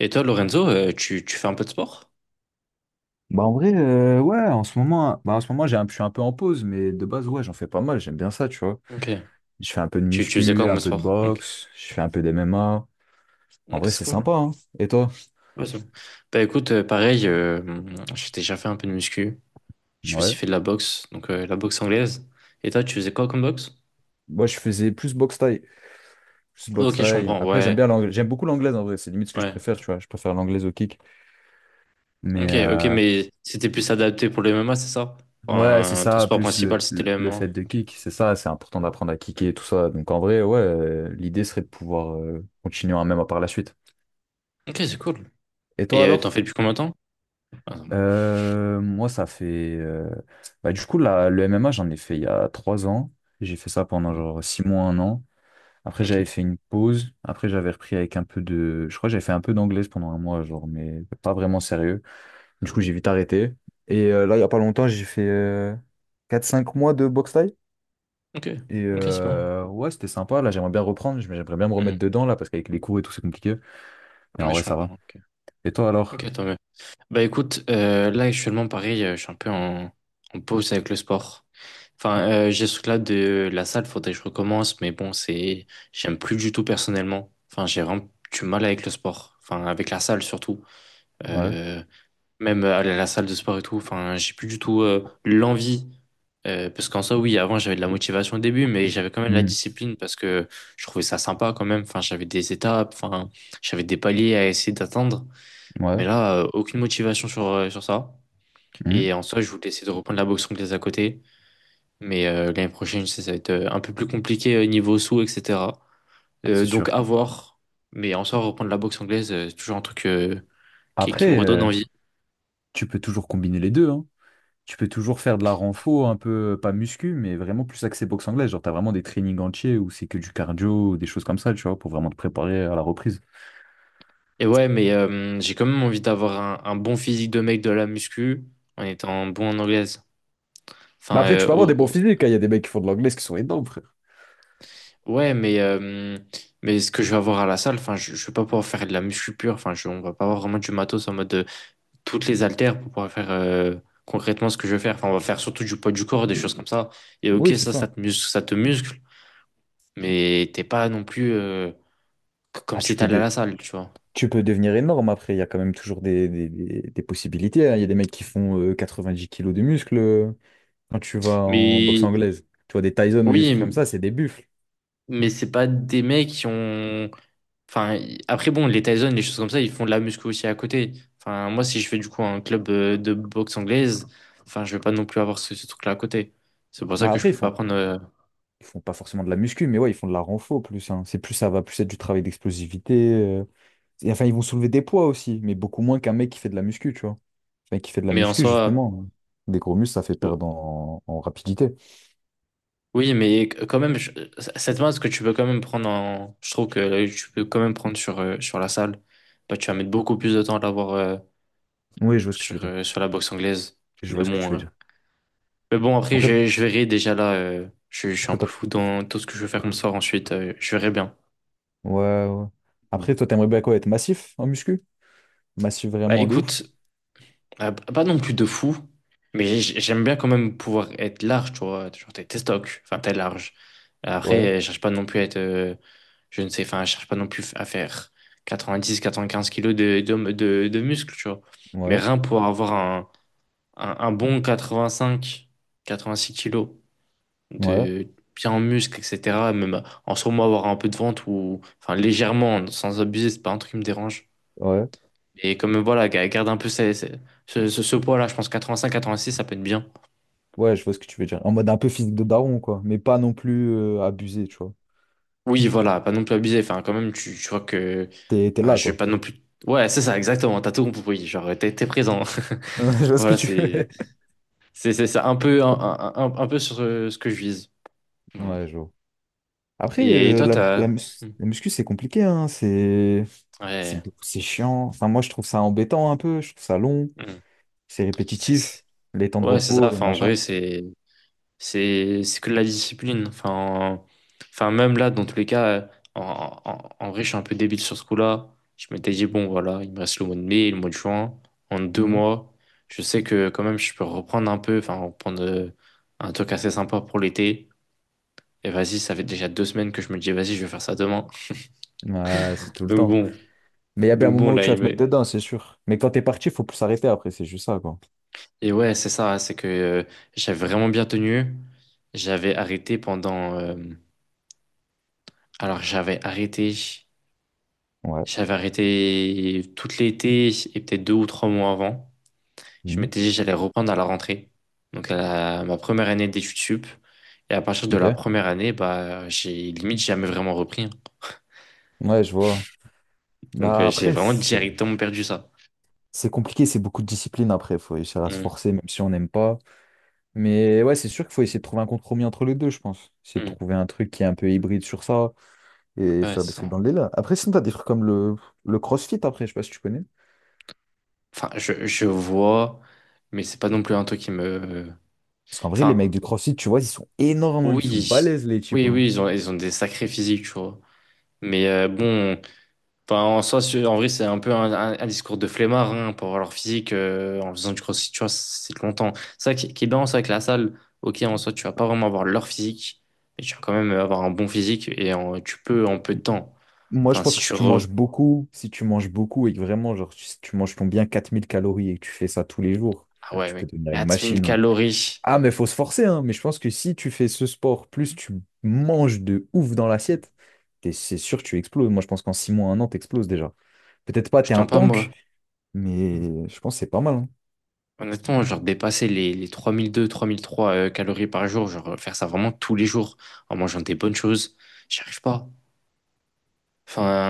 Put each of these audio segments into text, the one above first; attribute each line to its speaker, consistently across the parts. Speaker 1: Et toi, Lorenzo, tu fais un peu de sport?
Speaker 2: Bah en vrai, ouais, en ce moment, en ce moment je suis un peu en pause, mais de base, ouais, j'en fais pas mal, j'aime bien ça, tu vois.
Speaker 1: Ok.
Speaker 2: Je fais un peu de
Speaker 1: Tu faisais quoi
Speaker 2: muscu, un
Speaker 1: comme
Speaker 2: peu de
Speaker 1: sport? Ok.
Speaker 2: boxe, je fais un peu d'MMA. En
Speaker 1: Ok,
Speaker 2: vrai,
Speaker 1: c'est
Speaker 2: c'est
Speaker 1: cool.
Speaker 2: sympa, hein. Et toi?
Speaker 1: Ouais, c'est bon. Bah écoute, pareil, j'ai déjà fait un peu de muscu. J'ai
Speaker 2: Ouais.
Speaker 1: aussi fait de la boxe, donc la boxe anglaise. Et toi, tu faisais quoi comme boxe?
Speaker 2: Moi, je faisais plus boxe thaï. Plus boxe
Speaker 1: Ok, je
Speaker 2: thaï.
Speaker 1: comprends.
Speaker 2: Après, j'aime
Speaker 1: Ouais,
Speaker 2: bien l'anglais. J'aime beaucoup l'anglaise, en vrai. C'est limite ce que je
Speaker 1: ouais.
Speaker 2: préfère, tu vois. Je préfère l'anglaise au kick. Mais
Speaker 1: Ok, ok, mais c'était plus adapté pour le MMA, c'est ça?
Speaker 2: ouais, c'est
Speaker 1: Enfin, ton
Speaker 2: ça,
Speaker 1: sport
Speaker 2: plus
Speaker 1: principal, c'était le
Speaker 2: le fait
Speaker 1: MMA.
Speaker 2: de
Speaker 1: Ok.
Speaker 2: kick. C'est ça, c'est important d'apprendre à kicker
Speaker 1: Mm.
Speaker 2: et tout ça. Donc en vrai, ouais, l'idée serait de pouvoir continuer hein, même par la suite.
Speaker 1: Ok, c'est cool.
Speaker 2: Et toi
Speaker 1: Et t'en fais
Speaker 2: alors?
Speaker 1: depuis combien de temps? Ah, non, non.
Speaker 2: Moi, ça fait. Bah, du coup, là, le MMA, j'en ai fait il y a 3 ans. J'ai fait ça pendant
Speaker 1: Mm.
Speaker 2: genre 6 mois, un an. Après,
Speaker 1: Ok.
Speaker 2: j'avais fait une pause. Après, j'avais repris avec un peu de. Je crois que j'avais fait un peu d'anglaise pendant 1 mois, genre, mais pas vraiment sérieux. Du coup,
Speaker 1: Mm.
Speaker 2: j'ai vite arrêté. Et là, il y a pas longtemps, j'ai fait 4-5 mois de boxe thaï.
Speaker 1: Ok,
Speaker 2: Et
Speaker 1: ok, c'est bon.
Speaker 2: ouais, c'était sympa. Là, j'aimerais bien reprendre. Mais j'aimerais bien me remettre
Speaker 1: Mm.
Speaker 2: dedans, là, parce qu'avec les cours et tout, c'est compliqué. Mais en
Speaker 1: Ouais,
Speaker 2: vrai,
Speaker 1: je
Speaker 2: ça va.
Speaker 1: comprends. Ok,
Speaker 2: Et toi, alors?
Speaker 1: ok, tant mieux. Bah écoute, là actuellement pareil, je suis un peu en pause avec le sport. Enfin, j'ai ce truc-là de la salle, faudrait que je recommence, mais bon, c'est, j'aime plus du tout personnellement. Enfin, j'ai vraiment du mal avec le sport. Enfin, avec la salle surtout.
Speaker 2: Ouais.
Speaker 1: Euh, Même aller à la salle de sport et tout. Enfin, j'ai plus du tout l'envie. Parce qu'en soi, oui, avant j'avais de la motivation au début, mais j'avais quand même la
Speaker 2: Hmm.
Speaker 1: discipline parce que je trouvais ça sympa quand même. Enfin, j'avais des étapes, enfin, j'avais des paliers à essayer d'atteindre.
Speaker 2: Ouais.
Speaker 1: Mais là, aucune motivation sur ça.
Speaker 2: Hmm.
Speaker 1: Et en soi, je voulais essayer de reprendre la boxe anglaise à côté. Mais l'année prochaine, ça va être un peu plus compliqué niveau sous, etc.
Speaker 2: C'est
Speaker 1: Donc
Speaker 2: sûr.
Speaker 1: à voir. Mais en soi, reprendre la boxe anglaise, c'est toujours un truc qui me
Speaker 2: Après.
Speaker 1: redonne envie.
Speaker 2: Tu peux toujours combiner les deux, hein. Tu peux toujours faire de la renfo, un peu, pas muscu, mais vraiment plus axé boxe anglaise. Genre, t'as vraiment des trainings entiers où c'est que du cardio, ou des choses comme ça, tu vois, pour vraiment te préparer à la reprise.
Speaker 1: Et ouais, mais j'ai quand même envie d'avoir un bon physique de mec de la muscu en étant bon en anglaise.
Speaker 2: Bah
Speaker 1: Enfin,
Speaker 2: après, tu peux avoir des bons physiques, hein. Il y a des mecs qui font de l'anglaise qui sont énormes, frère.
Speaker 1: ouais, mais ce que je vais avoir à la salle, enfin, je vais pas pouvoir faire de la muscu pure. Enfin, on va pas avoir vraiment du matos en mode, toutes les haltères pour pouvoir faire concrètement ce que je veux faire. Enfin, on va faire surtout du poids du corps, des choses comme ça. Et ok,
Speaker 2: Oui, c'est ça.
Speaker 1: ça te muscle, mais t'es pas non plus comme
Speaker 2: Ah, tu
Speaker 1: si
Speaker 2: peux,
Speaker 1: t'allais à
Speaker 2: de-
Speaker 1: la salle, tu vois.
Speaker 2: Tu peux devenir énorme après. Il y a quand même toujours des possibilités, hein. Il y a des mecs qui font 90 kilos de muscles quand tu vas en boxe
Speaker 1: Mais
Speaker 2: anglaise. Tu vois, des Tyson ou des trucs comme
Speaker 1: oui,
Speaker 2: ça, c'est des buffles.
Speaker 1: mais c'est pas des mecs qui ont. Enfin, après, bon, les Tyson, les choses comme ça, ils font de la muscu aussi à côté. Enfin, moi, si je fais du coup un club de boxe anglaise, enfin, je vais pas non plus avoir ce truc-là à côté. C'est pour ça
Speaker 2: Bah,
Speaker 1: que je
Speaker 2: après, ils
Speaker 1: peux pas
Speaker 2: font,
Speaker 1: prendre.
Speaker 2: ils font pas forcément de la muscu, mais ouais, ils font de la renfo plus, hein. C'est plus ça va plus être du travail d'explosivité. Et enfin, ils vont soulever des poids aussi, mais beaucoup moins qu'un mec qui fait de la muscu, tu vois. Un mec qui fait de la
Speaker 1: Mais en
Speaker 2: muscu,
Speaker 1: soi.
Speaker 2: justement, des gros muscles, ça fait perdre en, en rapidité.
Speaker 1: Oui, mais quand même, cette masse que tu peux quand même prendre en. Je trouve que tu peux quand même prendre sur la salle. Bah, tu vas mettre beaucoup plus de temps à l'avoir
Speaker 2: Oui, je vois ce que tu veux
Speaker 1: sur,
Speaker 2: dire.
Speaker 1: euh, sur la boxe anglaise.
Speaker 2: Je
Speaker 1: Mais
Speaker 2: vois ce que tu
Speaker 1: bon,
Speaker 2: veux
Speaker 1: euh,
Speaker 2: dire.
Speaker 1: mais bon après,
Speaker 2: Après,
Speaker 1: je verrai déjà là. Je suis
Speaker 2: après,
Speaker 1: un peu
Speaker 2: toi,
Speaker 1: fou dans tout ce que je vais faire comme soir ensuite. Je verrai bien.
Speaker 2: ouais, ouais.
Speaker 1: Mm.
Speaker 2: Après, toi, t'aimerais bien quoi, être massif en muscu? Massif
Speaker 1: Bah
Speaker 2: vraiment de ouf?
Speaker 1: écoute, pas non plus de fou, mais j'aime bien quand même pouvoir être large, tu vois. Genre, t'es stock, enfin, t'es large.
Speaker 2: Ouais,
Speaker 1: Après, je cherche pas non plus à être, je ne sais, enfin, je cherche pas non plus à faire 90, 95 kilos de muscles, tu vois. Mais
Speaker 2: ouais,
Speaker 1: rien pour avoir un bon 85, 86 kilos
Speaker 2: ouais,
Speaker 1: de bien en muscles, etc. Même en sûrement avoir un peu de ventre ou, enfin, légèrement, sans abuser, c'est pas un truc qui me dérange.
Speaker 2: ouais.
Speaker 1: Et comme, voilà, garde un peu ce poids-là, je pense 85, 86, ça peut être bien.
Speaker 2: Ouais, je vois ce que tu veux dire. En mode un peu physique de daron, quoi. Mais pas non plus abusé, tu vois.
Speaker 1: Oui, voilà, pas non plus abusé. Enfin, quand même, tu vois que.
Speaker 2: T'es, t'es
Speaker 1: Enfin,
Speaker 2: là,
Speaker 1: je vais
Speaker 2: quoi.
Speaker 1: pas non plus. Ouais, c'est ça, exactement. T'as tout compris. Genre, t'es présent.
Speaker 2: Je vois ce que
Speaker 1: Voilà,
Speaker 2: tu
Speaker 1: c'est,
Speaker 2: veux.
Speaker 1: c'est, c'est ça. Un peu, un peu sur ce que je vise. Voilà.
Speaker 2: Ouais, je vois. Après,
Speaker 1: Et toi, t'as. Hmm.
Speaker 2: la muscu, c'est compliqué, hein.
Speaker 1: Ouais.
Speaker 2: C'est chiant. Enfin, moi, je trouve ça embêtant un peu. Je trouve ça long.
Speaker 1: Hmm.
Speaker 2: C'est
Speaker 1: C'est,
Speaker 2: répétitif.
Speaker 1: c'est-
Speaker 2: Les temps de
Speaker 1: Ouais, c'est
Speaker 2: repos,
Speaker 1: ça.
Speaker 2: les
Speaker 1: Enfin, en
Speaker 2: machins.
Speaker 1: vrai, c'est. C'est que de la discipline. Enfin, enfin, même là, dans tous les cas, en vrai, je suis un peu débile sur ce coup-là. Je m'étais dit, bon, voilà, il me reste le mois de mai et le mois de juin. En deux
Speaker 2: Mhm.
Speaker 1: mois, je sais que quand même, je peux reprendre un peu, enfin, reprendre un truc assez sympa pour l'été. Et vas-y, ça fait déjà 2 semaines que je me dis, vas-y, je vais faire ça demain.
Speaker 2: Ouais, c'est tout le
Speaker 1: Donc
Speaker 2: temps.
Speaker 1: bon,
Speaker 2: Mais il y a bien un
Speaker 1: donc bon,
Speaker 2: moment où
Speaker 1: là,
Speaker 2: tu vas te mettre dedans, c'est sûr. Mais quand t'es parti, faut plus s'arrêter après. C'est juste ça, quoi.
Speaker 1: et ouais, c'est ça, c'est que j'avais vraiment bien tenu. J'avais arrêté alors, j'avais arrêté.
Speaker 2: Ouais.
Speaker 1: J'avais arrêté tout l'été et peut-être 2 ou 3 mois avant. Je
Speaker 2: Mhm.
Speaker 1: m'étais dit que j'allais reprendre à la rentrée. Donc ma première année d'études sup. Et à partir de la
Speaker 2: Ok.
Speaker 1: première année, bah j'ai limite jamais vraiment repris, hein.
Speaker 2: Ouais, je vois.
Speaker 1: Donc
Speaker 2: Bah,
Speaker 1: j'ai
Speaker 2: après,
Speaker 1: vraiment
Speaker 2: c'est.
Speaker 1: directement perdu ça.
Speaker 2: C'est compliqué, c'est beaucoup de discipline après. Il faut essayer à se
Speaker 1: Mm.
Speaker 2: forcer, même si on n'aime pas. Mais ouais, c'est sûr qu'il faut essayer de trouver un compromis entre les deux, je pense. Essayer de
Speaker 1: Mm.
Speaker 2: trouver un truc qui est un peu hybride sur ça et
Speaker 1: Ouais,
Speaker 2: faire des
Speaker 1: c'est
Speaker 2: trucs
Speaker 1: ça.
Speaker 2: dans le délire. Après, sinon, t'as des trucs comme le CrossFit après, je sais pas si tu connais.
Speaker 1: Enfin, je vois, mais c'est pas non plus un truc qui me.
Speaker 2: Parce qu'en vrai, les
Speaker 1: Enfin,
Speaker 2: mecs du CrossFit, tu vois, ils sont énormes, ils sont
Speaker 1: oui,
Speaker 2: balèzes, les types,
Speaker 1: oui,
Speaker 2: hein.
Speaker 1: oui, ils ont des sacrés physiques, tu vois. Mais bon. Enfin, en soi, en vrai, c'est un peu un discours de flemmard, hein, pour avoir leur physique en faisant du crossfit, tu vois, c'est longtemps. C'est ça qui est bien, c'est avec la salle. Ok, en soi, tu vas pas vraiment avoir leur physique, mais tu vas quand même avoir un bon physique et tu peux en peu de temps.
Speaker 2: Moi, je
Speaker 1: Enfin,
Speaker 2: pense
Speaker 1: si
Speaker 2: que si
Speaker 1: tu
Speaker 2: tu
Speaker 1: re...
Speaker 2: manges beaucoup, que vraiment, genre, si tu manges ton bien 4 000 calories et que tu fais ça tous les jours,
Speaker 1: Ah
Speaker 2: frère,
Speaker 1: ouais,
Speaker 2: tu peux
Speaker 1: mec,
Speaker 2: devenir une
Speaker 1: 4000
Speaker 2: machine, hein.
Speaker 1: calories,
Speaker 2: Ah, mais faut se forcer, hein. Mais je pense que si tu fais ce sport, plus tu manges de ouf dans l'assiette, c'est sûr que tu exploses. Moi, je pense qu'en 6 mois, un an, t'exploses déjà. Peut-être pas,
Speaker 1: je
Speaker 2: t'es un
Speaker 1: tends pas, moi.
Speaker 2: tank, mais je pense que c'est pas mal, hein.
Speaker 1: Honnêtement, genre dépasser les 3002, 3003 calories par jour, genre faire ça vraiment tous les jours en mangeant des bonnes choses, j'y arrive pas.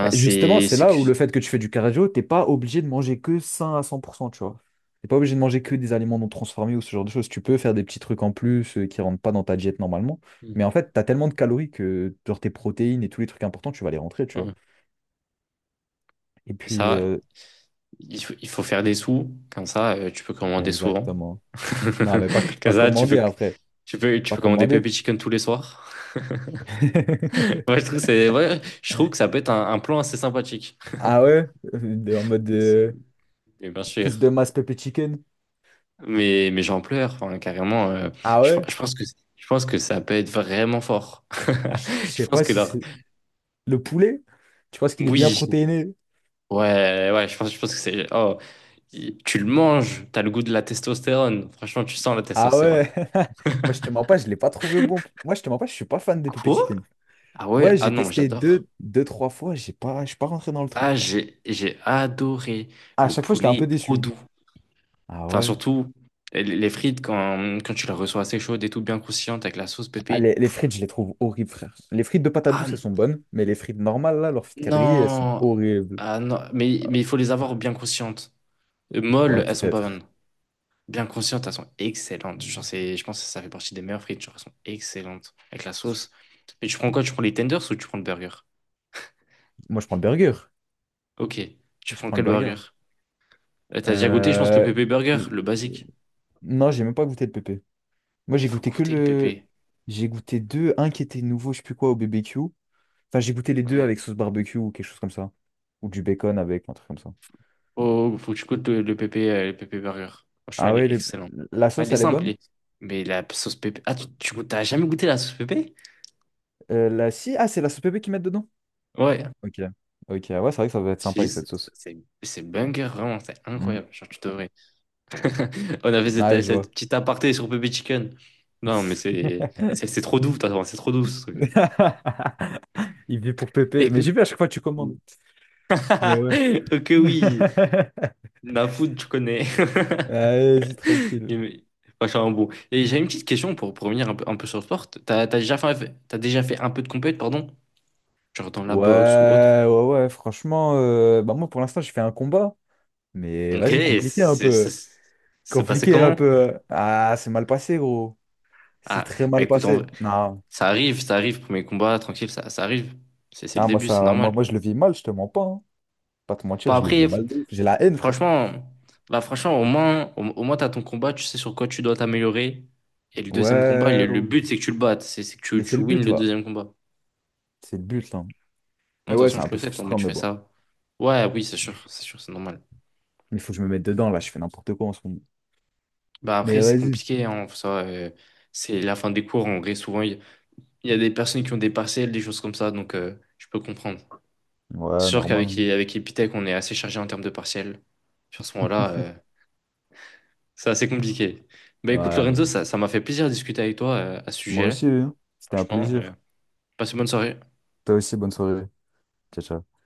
Speaker 2: Bah, justement, c'est
Speaker 1: c'est
Speaker 2: là
Speaker 1: que...
Speaker 2: où le fait que tu fais du cardio, t'es pas obligé de manger que sain à 100%, tu vois. T'es pas obligé de manger que des aliments non transformés ou ce genre de choses. Tu peux faire des petits trucs en plus qui rentrent pas dans ta diète normalement. Mais en fait, t'as tellement de calories que genre, tes protéines et tous les trucs importants, tu vas les rentrer, tu vois.
Speaker 1: Ouais.
Speaker 2: Et
Speaker 1: Et
Speaker 2: puis,
Speaker 1: ça, il faut faire des sous. Comme ça, tu peux commander souvent.
Speaker 2: exactement. Non, mais pas,
Speaker 1: Comme
Speaker 2: pas
Speaker 1: ça, tu
Speaker 2: commandé
Speaker 1: peux,
Speaker 2: après.
Speaker 1: tu peux, tu
Speaker 2: Pas
Speaker 1: peux commander
Speaker 2: commandé.
Speaker 1: Pepper Chicken tous les soirs. Ouais, je trouve que ouais, je trouve que ça peut être un plan assez sympathique.
Speaker 2: Ah ouais? En mode
Speaker 1: C'est-
Speaker 2: de
Speaker 1: et bien
Speaker 2: prise de
Speaker 1: sûr.
Speaker 2: masse pépé chicken.
Speaker 1: Mais j'en pleure, enfin, carrément.
Speaker 2: Ah
Speaker 1: Je,
Speaker 2: ouais?
Speaker 1: je pense que, je pense que ça peut être vraiment fort.
Speaker 2: Ah, je
Speaker 1: Je
Speaker 2: sais
Speaker 1: pense
Speaker 2: pas
Speaker 1: que
Speaker 2: si
Speaker 1: leur...
Speaker 2: c'est le poulet. Tu vois ce qu'il est bien
Speaker 1: Oui.
Speaker 2: protéiné.
Speaker 1: Ouais, ouais, je pense que c'est... Oh, tu le manges, t'as le goût de la testostérone. Franchement, tu sens la
Speaker 2: Ah
Speaker 1: testostérone.
Speaker 2: ouais? Moi, je te mens pas, je l'ai pas trouvé bon. Moi, je te mens pas, je suis pas fan des pépé
Speaker 1: Quoi?
Speaker 2: chicken.
Speaker 1: Ah
Speaker 2: Ouais,
Speaker 1: ouais, ah
Speaker 2: j'ai
Speaker 1: non,
Speaker 2: testé
Speaker 1: j'adore.
Speaker 2: deux, trois fois, j'ai pas, je suis pas rentré dans le truc,
Speaker 1: Ah,
Speaker 2: frère.
Speaker 1: j'ai adoré.
Speaker 2: À
Speaker 1: Le
Speaker 2: chaque fois, j'étais un
Speaker 1: poulet
Speaker 2: peu
Speaker 1: est trop
Speaker 2: déçu.
Speaker 1: doux.
Speaker 2: Ah
Speaker 1: Enfin,
Speaker 2: ouais?
Speaker 1: surtout, les frites, quand tu les reçois assez chaudes et tout bien croustillantes avec la sauce
Speaker 2: Ah,
Speaker 1: pépé.
Speaker 2: les
Speaker 1: Pff,
Speaker 2: frites, je les trouve horribles, frère. Les frites de patates
Speaker 1: ah
Speaker 2: douces, elles
Speaker 1: n-
Speaker 2: sont bonnes, mais les frites normales, là, leurs frites quadrillées, elles sont
Speaker 1: non!
Speaker 2: horribles.
Speaker 1: Ah non! Mais il faut les avoir bien croustillantes.
Speaker 2: Ouais,
Speaker 1: Molles, elles sont pas
Speaker 2: peut-être.
Speaker 1: bonnes. Bien croustillantes, elles sont excellentes. Genre, je pense que ça fait partie des meilleures frites. Genre, elles sont excellentes avec la sauce. Mais tu prends quoi? Tu prends les tenders ou tu prends le burger?
Speaker 2: Moi, je prends le burger.
Speaker 1: Ok. Tu
Speaker 2: Je
Speaker 1: prends
Speaker 2: prends le
Speaker 1: quel
Speaker 2: burger.
Speaker 1: burger? T'as déjà goûté, je pense, le
Speaker 2: Euh,
Speaker 1: pépé burger,
Speaker 2: l-
Speaker 1: le basique.
Speaker 2: Non, j'ai même pas goûté le pépé. Moi,
Speaker 1: Ah, il
Speaker 2: j'ai
Speaker 1: faut
Speaker 2: goûté que
Speaker 1: goûter le
Speaker 2: le.
Speaker 1: pépé.
Speaker 2: J'ai goûté deux. Un qui était nouveau, je sais plus quoi, au BBQ. Enfin, j'ai goûté les deux
Speaker 1: Ouais.
Speaker 2: avec sauce barbecue ou quelque chose comme ça. Ou du bacon avec, un truc comme ça.
Speaker 1: Oh, faut que tu goûtes le pépé burger. Franchement,
Speaker 2: Ah
Speaker 1: il
Speaker 2: ouais,
Speaker 1: est excellent.
Speaker 2: la
Speaker 1: Ah,
Speaker 2: sauce,
Speaker 1: il est
Speaker 2: elle est
Speaker 1: simple,
Speaker 2: bonne?
Speaker 1: mais la sauce pépé. Ah, t'as jamais goûté la sauce pépé?
Speaker 2: Si, ah, c'est la sauce pépé qu'ils mettent dedans?
Speaker 1: Ouais.
Speaker 2: Ok. Ok, ouais, c'est vrai que ça va être
Speaker 1: Je te
Speaker 2: sympa
Speaker 1: dis,
Speaker 2: avec
Speaker 1: C'est
Speaker 2: cette sauce.
Speaker 1: c'est- c'est banger, vraiment, c'est
Speaker 2: Mm.
Speaker 1: incroyable. Genre, tu devrais. On avait
Speaker 2: Ouais,
Speaker 1: cette,
Speaker 2: je vois.
Speaker 1: cette petite aparté sur pépé chicken. Non, mais c'est trop doux, c'est trop doux ce truc.
Speaker 2: Il vit pour pépé. Mais
Speaker 1: Écoute.
Speaker 2: j'ai vu à chaque fois que tu commandes. Mais ouais.
Speaker 1: Ok, oui. La food, tu connais.
Speaker 2: Allez, c'est tranquille.
Speaker 1: Il- Vachement bon. Et j'ai une petite question pour revenir un peu sur le sport. T'as déjà fait un peu de compète, pardon? Genre dans la boxe ou autre?
Speaker 2: Ouais, ouais, ouais, franchement, bah moi pour l'instant j'ai fait un combat, mais
Speaker 1: Ok,
Speaker 2: vas-y,
Speaker 1: c'est
Speaker 2: compliqué un
Speaker 1: c'est-
Speaker 2: peu.
Speaker 1: c'est- c'est passé
Speaker 2: Compliqué un
Speaker 1: comment?
Speaker 2: peu. Ah, c'est mal passé, gros. C'est
Speaker 1: Ah,
Speaker 2: très
Speaker 1: bah
Speaker 2: mal
Speaker 1: écoute, en vrai,
Speaker 2: passé. Non,
Speaker 1: ça arrive, premier combat, tranquille, ça arrive. C'est le
Speaker 2: non,
Speaker 1: début, c'est normal.
Speaker 2: moi je le vis mal, je te mens pas, hein. Pas te mentir,
Speaker 1: Pas
Speaker 2: je le vis
Speaker 1: après,
Speaker 2: mal. De ouf. J'ai la haine, frère.
Speaker 1: franchement, franchement, au moins, au moins t'as ton combat, tu sais sur quoi tu dois t'améliorer. Et le deuxième combat,
Speaker 2: Ouais, ouais,
Speaker 1: le
Speaker 2: ouais.
Speaker 1: but, c'est que tu le battes, c'est que
Speaker 2: Mais c'est
Speaker 1: tu
Speaker 2: le
Speaker 1: wins
Speaker 2: but
Speaker 1: le
Speaker 2: là.
Speaker 1: deuxième combat.
Speaker 2: C'est le but là.
Speaker 1: Non,
Speaker 2: Mais
Speaker 1: de toute
Speaker 2: ouais,
Speaker 1: façon,
Speaker 2: c'est
Speaker 1: je
Speaker 2: un peu
Speaker 1: le sais, ton mode,
Speaker 2: frustrant,
Speaker 1: tu
Speaker 2: mais
Speaker 1: fais
Speaker 2: bon.
Speaker 1: ça. Ouais, oui, c'est sûr, c'est sûr, c'est normal.
Speaker 2: Il faut que je me mette dedans, là, je fais n'importe quoi en ce moment.
Speaker 1: Bah
Speaker 2: Mais
Speaker 1: après, c'est
Speaker 2: vas-y.
Speaker 1: compliqué, hein, c'est la fin des cours, en vrai, souvent, il y a des personnes qui ont des partiels, des choses comme ça, donc je peux comprendre. C'est
Speaker 2: Ouais,
Speaker 1: sûr
Speaker 2: normal,
Speaker 1: qu'avec
Speaker 2: hein.
Speaker 1: avec Epitech, on est assez chargé en termes de partiels. Sur ce moment-là, c'est assez compliqué. Bah écoute,
Speaker 2: Ouais, mais
Speaker 1: Lorenzo,
Speaker 2: bon.
Speaker 1: ça m'a fait plaisir de discuter avec toi à ce
Speaker 2: Moi
Speaker 1: sujet-là.
Speaker 2: aussi, hein. C'était un
Speaker 1: Franchement,
Speaker 2: plaisir.
Speaker 1: passe une bonne soirée.
Speaker 2: Toi aussi, bonne soirée. Ciao, ciao.